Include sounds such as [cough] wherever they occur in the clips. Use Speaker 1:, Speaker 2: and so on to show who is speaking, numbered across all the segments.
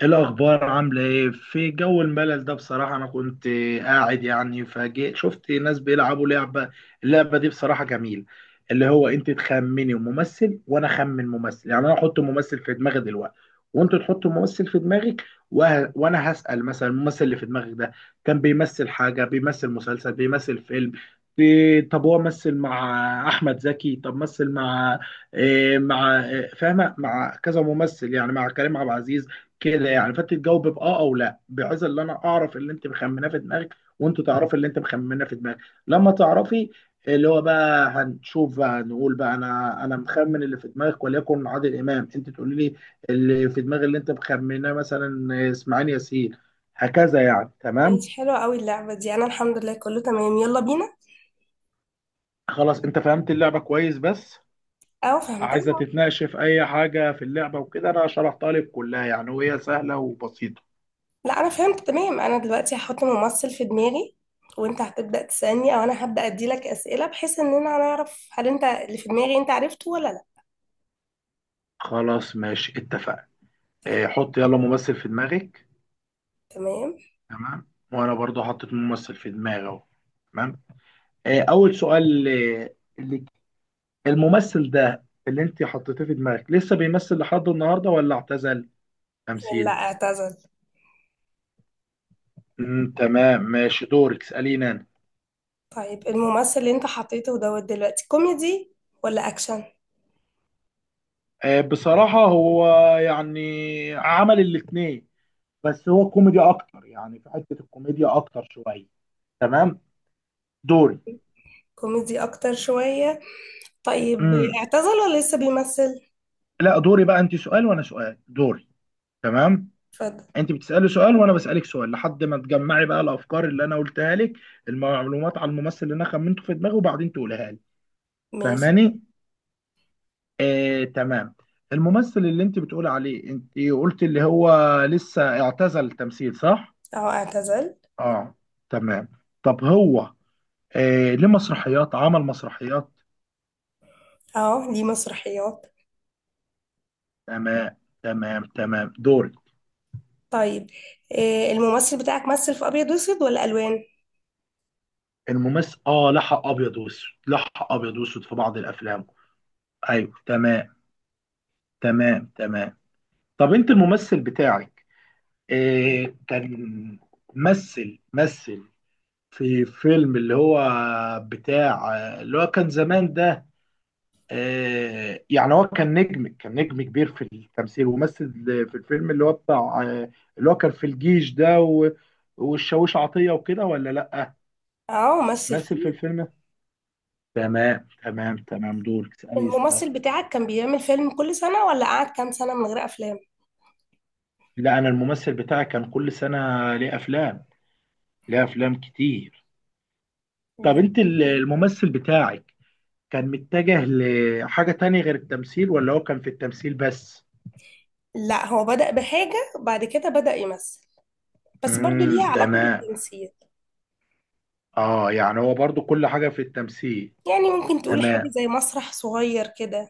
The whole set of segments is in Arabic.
Speaker 1: ايه الاخبار؟ عامله ايه في جو الملل ده؟ بصراحه انا كنت قاعد يعني فجأة شفت ناس بيلعبوا لعبه. اللعبه دي بصراحه جميل. اللي هو انت تخمني ممثل وانا اخمن ممثل، يعني انا احط ممثل في دماغي دلوقتي وانت تحط ممثل في دماغك. وانا هسأل مثلا الممثل اللي في دماغك ده كان بيمثل حاجه، بيمثل مسلسل، بيمثل فيلم. طب هو مثل مع احمد زكي؟ طب مثل مع إيه؟ مع إيه فاهمه، مع كذا ممثل يعني مع كريم عبد العزيز كده؟ يعني فانت تجاوب باه او لا، بحيث ان انا اعرف اللي انت مخمناه في دماغك وانت تعرفي اللي انت مخمناه في دماغك. لما تعرفي اللي هو بقى، هنشوف بقى، نقول بقى انا مخمن اللي في دماغك وليكن عادل امام. انت تقولي لي اللي في دماغ اللي انت مخمناه مثلا اسماعيل ياسين. هكذا يعني. تمام.
Speaker 2: ماشي، حلوة قوي اللعبة دي. أنا الحمد لله كله تمام. يلا بينا.
Speaker 1: خلاص انت فهمت اللعبه كويس؟ بس
Speaker 2: أو
Speaker 1: عايزه
Speaker 2: فهمتها.
Speaker 1: تتناقش في اي حاجه في اللعبه وكده؟ انا شرحتها لك كلها يعني، وهي سهله وبسيطه.
Speaker 2: لا، أنا فهمت تمام. أنا دلوقتي هحط ممثل في دماغي، وأنت هتبدأ تسألني، أو أنا هبدأ أديلك أسئلة بحيث إننا هنعرف هل أنت اللي في دماغي أنت عرفته ولا لا.
Speaker 1: خلاص ماشي اتفقنا.
Speaker 2: تف-
Speaker 1: اه، حط يلا ممثل في دماغك.
Speaker 2: تمام.
Speaker 1: تمام. وانا برضو حطيت ممثل في دماغي اهو. تمام. اول سؤال، آه، اللي الممثل ده اللي انت حطيته في دماغك لسه بيمثل لحد النهارده ولا اعتزل
Speaker 2: لا،
Speaker 1: تمثيل
Speaker 2: اعتزل.
Speaker 1: تمام ماشي دورك اساليني انا.
Speaker 2: طيب، الممثل اللي أنت حطيته دوت دلوقتي كوميدي ولا أكشن؟
Speaker 1: بصراحه هو يعني عمل الاتنين، بس هو كوميدي اكتر، يعني في حته الكوميديا اكتر شويه. تمام دوري.
Speaker 2: كوميدي أكتر شوية. طيب،
Speaker 1: مم.
Speaker 2: اعتزل ولا لسه بيمثل؟
Speaker 1: لا دوري، بقى انت سؤال وانا سؤال. دوري. تمام.
Speaker 2: اتفضل.
Speaker 1: انت بتسالي سؤال وانا بسالك سؤال لحد ما تجمعي بقى الافكار اللي انا قلتها لك، المعلومات عن الممثل اللي انا خمنته في دماغي، وبعدين تقولها لي.
Speaker 2: ماشي.
Speaker 1: فاهماني؟ آه تمام. الممثل اللي انت بتقولي عليه انت قلت اللي هو لسه اعتزل التمثيل، صح؟
Speaker 2: أهو اعتزل.
Speaker 1: اه تمام. طب هو ليه مسرحيات، عمل مسرحيات.
Speaker 2: أهو ليه مسرحيات.
Speaker 1: تمام تمام تمام دوري.
Speaker 2: طيب، الممثل بتاعك مثل في ابيض واسود ولا الوان؟
Speaker 1: الممثل لحق ابيض واسود، لحق ابيض واسود في بعض الافلام. ايوه تمام. تمام تمام. طب انت الممثل بتاعك إيه كان مثل في فيلم اللي هو بتاع اللي هو كان زمان ده. إيه يعني هو كان نجم كبير في التمثيل ومثل في الفيلم اللي هو بتاع، اللي هو كان في الجيش ده والشاويش عطية وكده ولا لأ؟
Speaker 2: اه، مثل
Speaker 1: مثل في
Speaker 2: فيه.
Speaker 1: الفيلم. تمام تمام تمام دورك اسألي سؤال.
Speaker 2: الممثل بتاعك كان بيعمل فيلم كل سنة ولا قعد كام سنة من غير افلام؟
Speaker 1: لا أنا الممثل بتاعي كان كل سنة ليه أفلام، ليه أفلام كتير. طب
Speaker 2: مم.
Speaker 1: أنت الممثل بتاعك كان متجه لحاجة تانية غير التمثيل ولا هو كان في التمثيل بس؟
Speaker 2: لا، هو بدأ بحاجة بعد كده بدأ يمثل، بس برضو ليها علاقة
Speaker 1: تمام.
Speaker 2: بالتمثيل.
Speaker 1: اه يعني هو برضو كل حاجة في التمثيل.
Speaker 2: يعني ممكن تقول حاجة
Speaker 1: تمام
Speaker 2: زي مسرح صغير كده.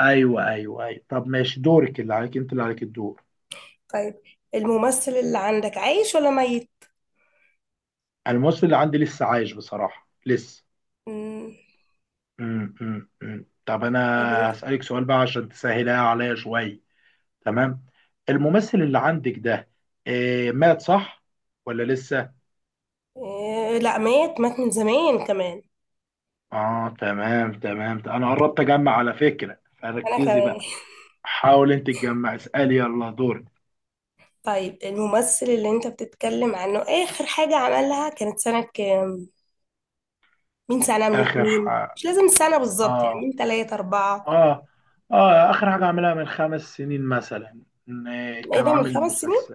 Speaker 1: ايوه ايوه ايوه. طب ماشي دورك اللي عليك، انت اللي عليك الدور.
Speaker 2: طيب، الممثل اللي عندك عايش ولا ميت؟
Speaker 1: الممثل اللي عندي لسه عايش بصراحة، لسه.
Speaker 2: مم،
Speaker 1: أمم. طب انا
Speaker 2: يا بنتي.
Speaker 1: هسألك سؤال بقى عشان تسهلها عليا شوية. تمام. الممثل اللي عندك ده إيه مات صح ولا لسه؟
Speaker 2: لا، مات مات من زمان كمان.
Speaker 1: اه تمام تمام. انا قربت اجمع على فكرة
Speaker 2: انا
Speaker 1: فركزي
Speaker 2: كمان.
Speaker 1: بقى. حاول انت تجمع اسألي يلا دورك.
Speaker 2: طيب، الممثل اللي انت بتتكلم عنه اخر حاجة عملها كانت سنة كام؟ من سنة؟ من
Speaker 1: اخر
Speaker 2: اتنين؟
Speaker 1: حاجة،
Speaker 2: مش لازم السنة بالظبط، يعني
Speaker 1: اه
Speaker 2: من تلاتة اربعة.
Speaker 1: اه اه اخر حاجة عملها من خمس سنين مثلا. إن
Speaker 2: ايه
Speaker 1: كان
Speaker 2: ده، من
Speaker 1: عامل
Speaker 2: 5 سنين؟
Speaker 1: مسلسل،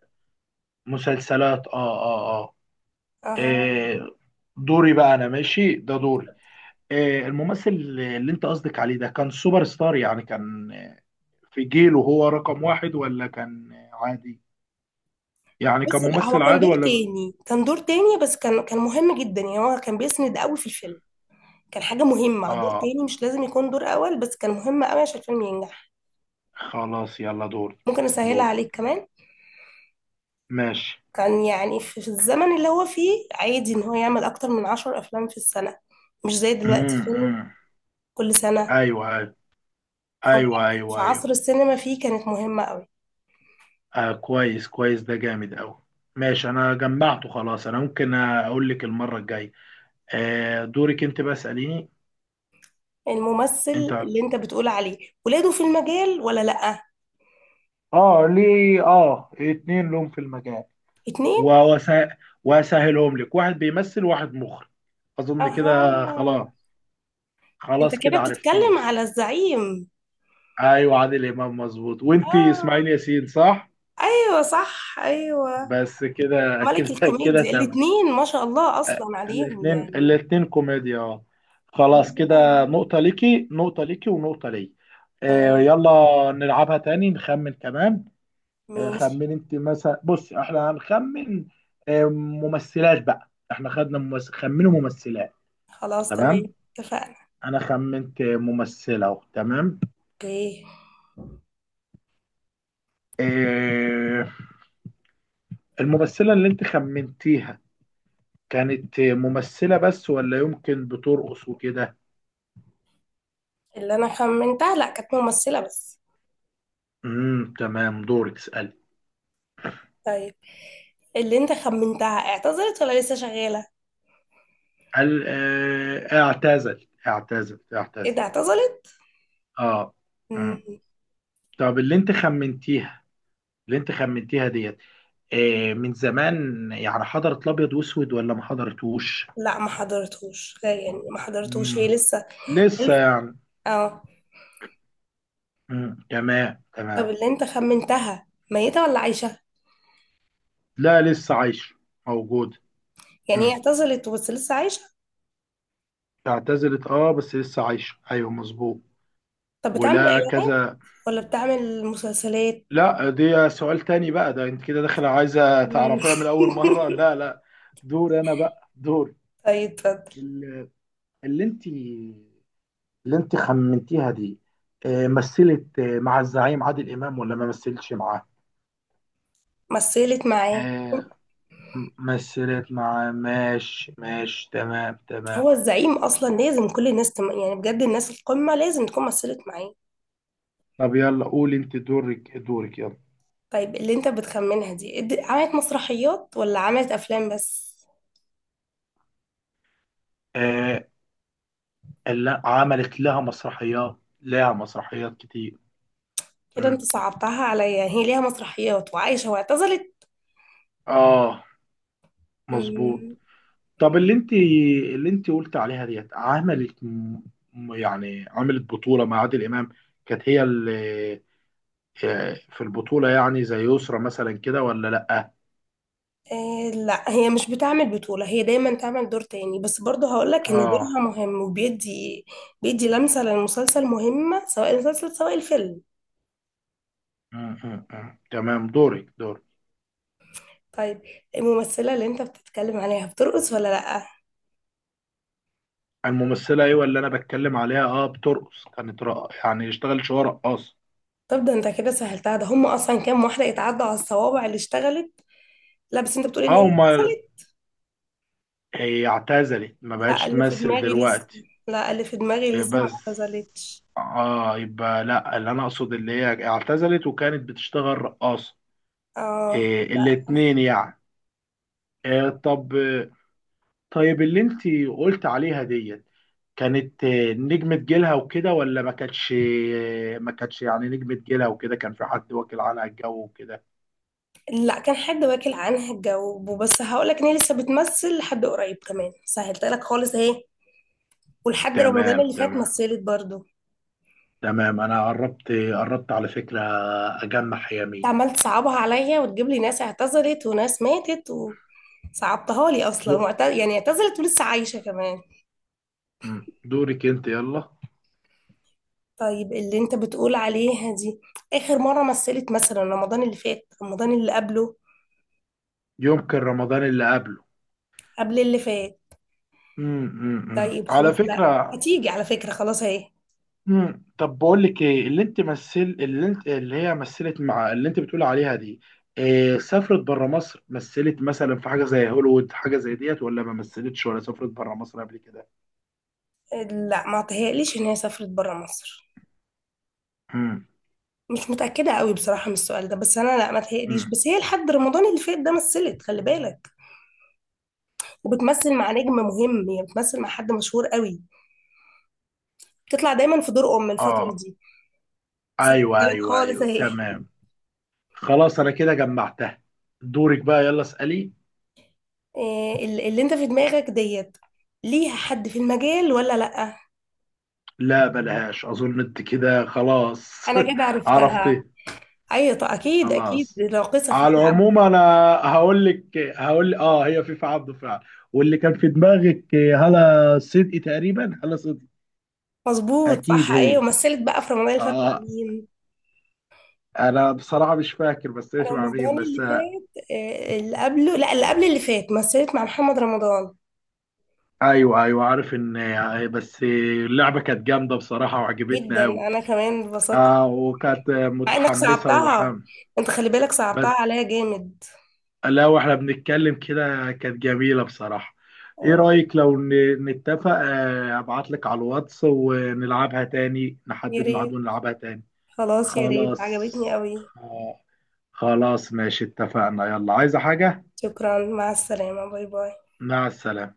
Speaker 1: مسلسلات. اه اه اه
Speaker 2: اها.
Speaker 1: آه، دوري بقى انا ماشي ده دوري. الممثل اللي انت قصدك عليه ده كان سوبر ستار، يعني كان، في جيله هو رقم واحد ولا كان عادي؟ يعني
Speaker 2: بس
Speaker 1: كان
Speaker 2: لا، هو
Speaker 1: ممثل
Speaker 2: كان
Speaker 1: عادي
Speaker 2: دور
Speaker 1: ولا
Speaker 2: تاني كان دور تاني بس كان مهم جدا. يعني هو كان بيسند قوي في الفيلم، كان حاجة مهمة. دور
Speaker 1: اه
Speaker 2: تاني مش لازم يكون دور اول بس كان مهم قوي عشان الفيلم ينجح.
Speaker 1: خلاص يلا دوري.
Speaker 2: ممكن اسهلها
Speaker 1: دوري
Speaker 2: عليك كمان؟
Speaker 1: ماشي.
Speaker 2: كان يعني في الزمن اللي هو فيه عادي ان هو يعمل اكتر من 10 افلام في السنة، مش زي دلوقتي فيلم
Speaker 1: امم
Speaker 2: كل سنة.
Speaker 1: ايوه
Speaker 2: هو
Speaker 1: ايوه ايوه
Speaker 2: في عصر
Speaker 1: ايوه.
Speaker 2: السينما فيه كانت مهمة قوي.
Speaker 1: كويس كويس ده جامد قوي. ماشي انا جمعته خلاص، انا ممكن اقول لك المره الجايه. دورك انت بقى اساليني انت.
Speaker 2: الممثل اللي انت بتقول عليه ولاده في المجال ولا لأ؟
Speaker 1: اه ليه اتنين لهم في المجال.
Speaker 2: اتنين.
Speaker 1: وأسه- واسهلهم لك، واحد بيمثل وواحد مخرج. اظن كده خلاص.
Speaker 2: اها. انت
Speaker 1: خلاص
Speaker 2: كده
Speaker 1: كده
Speaker 2: بتتكلم
Speaker 1: عرفتيه.
Speaker 2: على الزعيم؟
Speaker 1: ايوه عادل امام مظبوط، وانت
Speaker 2: اه،
Speaker 1: اسماعيل ياسين صح.
Speaker 2: ايوه صح ايوه.
Speaker 1: بس كده
Speaker 2: ملك
Speaker 1: كده كده
Speaker 2: الكوميديا
Speaker 1: تمام.
Speaker 2: الاتنين، ما شاء الله اصلا عليهم
Speaker 1: الاثنين
Speaker 2: يعني.
Speaker 1: الاثنين كوميديا اه. خلاص
Speaker 2: الاتنين
Speaker 1: كده،
Speaker 2: عاليين.
Speaker 1: نقطة ليكي، نقطة ليكي، ونقطة لي.
Speaker 2: تمام.
Speaker 1: يلا نلعبها تاني نخمن كمان.
Speaker 2: ماشي.
Speaker 1: خمن انت مثلا بص احنا هنخمن. آه ممثلات بقى، احنا خدنا ممثل، خمنوا ممثلات.
Speaker 2: خلاص. تمام
Speaker 1: تمام.
Speaker 2: اتفقنا.
Speaker 1: انا خمنت ممثلة اهو. تمام.
Speaker 2: اوكي.
Speaker 1: آه الممثلة اللي انت خمنتيها كانت ممثلة بس ولا يمكن بترقص وكده؟
Speaker 2: اللي انا خمنتها لا، كانت ممثلة بس.
Speaker 1: تمام دورك اسألي.
Speaker 2: طيب، اللي انت خمنتها اعتذرت ولا لسه شغالة؟
Speaker 1: قال اعتزل اعتزل
Speaker 2: ايه
Speaker 1: اعتزل.
Speaker 2: ده، اعتذرت؟
Speaker 1: اه مم.
Speaker 2: مم.
Speaker 1: طب اللي انت خمنتيها، اللي انت خمنتيها ديت من زمان، يعني حضرت الابيض واسود ولا ما حضرتوش؟
Speaker 2: لا، ما حضرتوش، غير يعني ما حضرتوش، هي
Speaker 1: مم.
Speaker 2: لسه.
Speaker 1: لسه يعني.
Speaker 2: اه.
Speaker 1: مم. تمام
Speaker 2: طب
Speaker 1: تمام.
Speaker 2: اللي انت خمنتها ميتة ولا عايشة؟
Speaker 1: لا لسه عايش موجود.
Speaker 2: يعني هي
Speaker 1: مم.
Speaker 2: اعتزلت بس لسه عايشة؟
Speaker 1: اعتزلت اه بس لسه عايش ايوه مظبوط.
Speaker 2: طب بتعمل
Speaker 1: ولا
Speaker 2: اعلانات
Speaker 1: كذا؟
Speaker 2: ولا بتعمل مسلسلات؟
Speaker 1: لا دي سؤال تاني بقى ده، انت كده داخله عايزه
Speaker 2: مم.
Speaker 1: تعرفيها من اول مره.
Speaker 2: [laughs]
Speaker 1: لا لا. دور انا بقى، دور.
Speaker 2: طيب، اتفضل.
Speaker 1: اللي انت خمنتيها دي مثلت مع الزعيم عادل امام ولا ما مثلتش معاه؟
Speaker 2: مثلت معاه.
Speaker 1: آه، مثلت معاه. ماشي ماشي تمام تمام.
Speaker 2: هو الزعيم اصلا لازم كل الناس يعني بجد الناس القمة لازم تكون مثلت معاه.
Speaker 1: طب يلا قولي انت دورك دورك يلا.
Speaker 2: طيب، اللي انت بتخمنها دي عملت مسرحيات ولا عملت افلام بس؟
Speaker 1: آه، اللي عملت لها مسرحيات، لها مسرحيات كتير.
Speaker 2: كده
Speaker 1: مم.
Speaker 2: انت صعبتها عليا، هي ليها مسرحيات وعايشة واعتزلت.
Speaker 1: اه مظبوط. طب اللي انت قلت عليها ديت عملت يعني عملت بطولة مع عادل امام، كانت هي اللي في البطولة يعني زي يسرا مثلا كده ولا لأ؟
Speaker 2: آه، لا، هي مش بتعمل بطولة، هي دايما تعمل دور تاني، بس برضه هقولك ان
Speaker 1: اه
Speaker 2: دورها مهم وبيدي، لمسة للمسلسل مهمة، سواء المسلسل سواء الفيلم.
Speaker 1: م- م- م. تمام دورك دورك.
Speaker 2: طيب، الممثلة اللي انت بتتكلم عليها بترقص ولا لأ؟
Speaker 1: الممثلة، ايوه، اللي انا بتكلم عليها بترقص، كانت يعني اشتغلت شوية رقاصة.
Speaker 2: طب ده انت كده سهلتها، ده هم اصلا كام واحدة يتعدوا على الصوابع اللي اشتغلت. لا، بس انت بتقولي ان
Speaker 1: اه
Speaker 2: هي
Speaker 1: امال.
Speaker 2: حصلت.
Speaker 1: هي اعتزلت ما
Speaker 2: لا
Speaker 1: بقتش
Speaker 2: اللي في
Speaker 1: تمثل
Speaker 2: دماغي لسه
Speaker 1: دلوقتي.
Speaker 2: لا، اللي في دماغي
Speaker 1: إيه
Speaker 2: لسه ما
Speaker 1: بس.
Speaker 2: اعتزلتش.
Speaker 1: اه يبقى لا، اللي انا اقصد اللي هي اعتزلت وكانت بتشتغل رقاصة.
Speaker 2: اه،
Speaker 1: إيه الاتنين يعني. إيه طب. طيب اللي انت قلت عليها ديت كانت نجمة جيلها وكده ولا ما كانتش؟ ما كانتش يعني نجمة جيلها وكده، كان في حد واكل عنها الجو وكده.
Speaker 2: لا، كان حد واكل عنها الجو بس هقولك ان هي لسه بتمثل لحد قريب كمان، سهلت لك خالص اهي. ولحد رمضان
Speaker 1: تمام
Speaker 2: اللي فات
Speaker 1: تمام
Speaker 2: مثلت برضو انت.
Speaker 1: تمام. انا قربت، قربت على فكرة اجمع يمين.
Speaker 2: عمال تصعبها عليا وتجيب لي ناس اعتذرت وناس ماتت. وصعبتها لي اصلا
Speaker 1: دو
Speaker 2: يعني اعتذرت ولسه عايشة كمان.
Speaker 1: مم. دورك انت يلا.
Speaker 2: طيب، اللي انت بتقول عليها دي اخر مرة مثلت مثلا رمضان اللي فات، رمضان اللي قبله،
Speaker 1: يمكن رمضان اللي قبله.
Speaker 2: قبل اللي فات؟
Speaker 1: مم.
Speaker 2: طيب
Speaker 1: على
Speaker 2: خلاص، لا
Speaker 1: فكرة.
Speaker 2: هتيجي على فكرة. خلاص اهي.
Speaker 1: طب بقول لك ايه، اللي انت مثل اللي انت اللي هي مثلت مع اللي انت بتقول عليها دي، إيه سافرت بره مصر، مثلت مثلا في حاجه زي هوليوود حاجه زي ديت، ولا ما مثلتش، ولا سافرت بره مصر قبل كده؟
Speaker 2: لا، ما تهيأليش ان هي سافرت برا مصر.
Speaker 1: مم.
Speaker 2: مش متأكدة قوي بصراحة من السؤال ده، بس انا لا ما تهيأليش.
Speaker 1: مم.
Speaker 2: بس هي لحد رمضان اللي فات ده مثلت، خلي بالك. وبتمثل مع نجم مهم، يعني بتمثل مع حد مشهور قوي. بتطلع دايما في دور ام الفتره
Speaker 1: اه
Speaker 2: دي. سبتها
Speaker 1: ايوه
Speaker 2: لك
Speaker 1: ايوه
Speaker 2: خالص
Speaker 1: ايوه
Speaker 2: اهي.
Speaker 1: تمام. خلاص انا كده جمعتها. دورك بقى يلا اسالي.
Speaker 2: إيه اللي انت في دماغك ديت ليها حد في المجال ولا لا؟
Speaker 1: لا بلاش، اظن انت كده خلاص.
Speaker 2: انا كده
Speaker 1: [laughs]
Speaker 2: عرفتها.
Speaker 1: عرفت.
Speaker 2: ايوه، طب اكيد اكيد
Speaker 1: خلاص،
Speaker 2: راقصه في
Speaker 1: على
Speaker 2: شعب.
Speaker 1: العموم انا هقول لك، هقول هي فيفا عبده فعلا. واللي كان في دماغك هلا صدقي تقريبا، هلا صدقي.
Speaker 2: مظبوط صح
Speaker 1: اكيد
Speaker 2: ايوه.
Speaker 1: هي.
Speaker 2: ومثلت بقى في رمضان اللي فات مع
Speaker 1: اه
Speaker 2: مين؟
Speaker 1: انا بصراحه مش فاكر بس ايش مع مين
Speaker 2: رمضان اللي
Speaker 1: بس.
Speaker 2: فات، إيه، اللي قبله، لا اللي قبل اللي فات مثلت مع محمد رمضان.
Speaker 1: ايوه ايوه عارف ان، آه، بس آه، اللعبه كانت جامده بصراحه وعجبتني
Speaker 2: جدا،
Speaker 1: قوي.
Speaker 2: انا كمان اتبسطت.
Speaker 1: وكانت
Speaker 2: مع انك
Speaker 1: متحمسه
Speaker 2: صعبتها،
Speaker 1: وحام.
Speaker 2: انت خلي بالك صعبتها
Speaker 1: بس
Speaker 2: عليا جامد.
Speaker 1: لا، واحنا بنتكلم كده كانت جميلة بصراحة. ايه
Speaker 2: آه،
Speaker 1: رأيك لو نتفق، ابعت لك على الواتس ونلعبها تاني،
Speaker 2: يا
Speaker 1: نحدد ميعاد
Speaker 2: ريت.
Speaker 1: ونلعبها تاني.
Speaker 2: خلاص، يا ريت
Speaker 1: خلاص.
Speaker 2: عجبتني قوي.
Speaker 1: آه، خلاص ماشي اتفقنا، يلا عايزة حاجة؟
Speaker 2: شكرا، مع السلامة، باي باي.
Speaker 1: مع السلامة.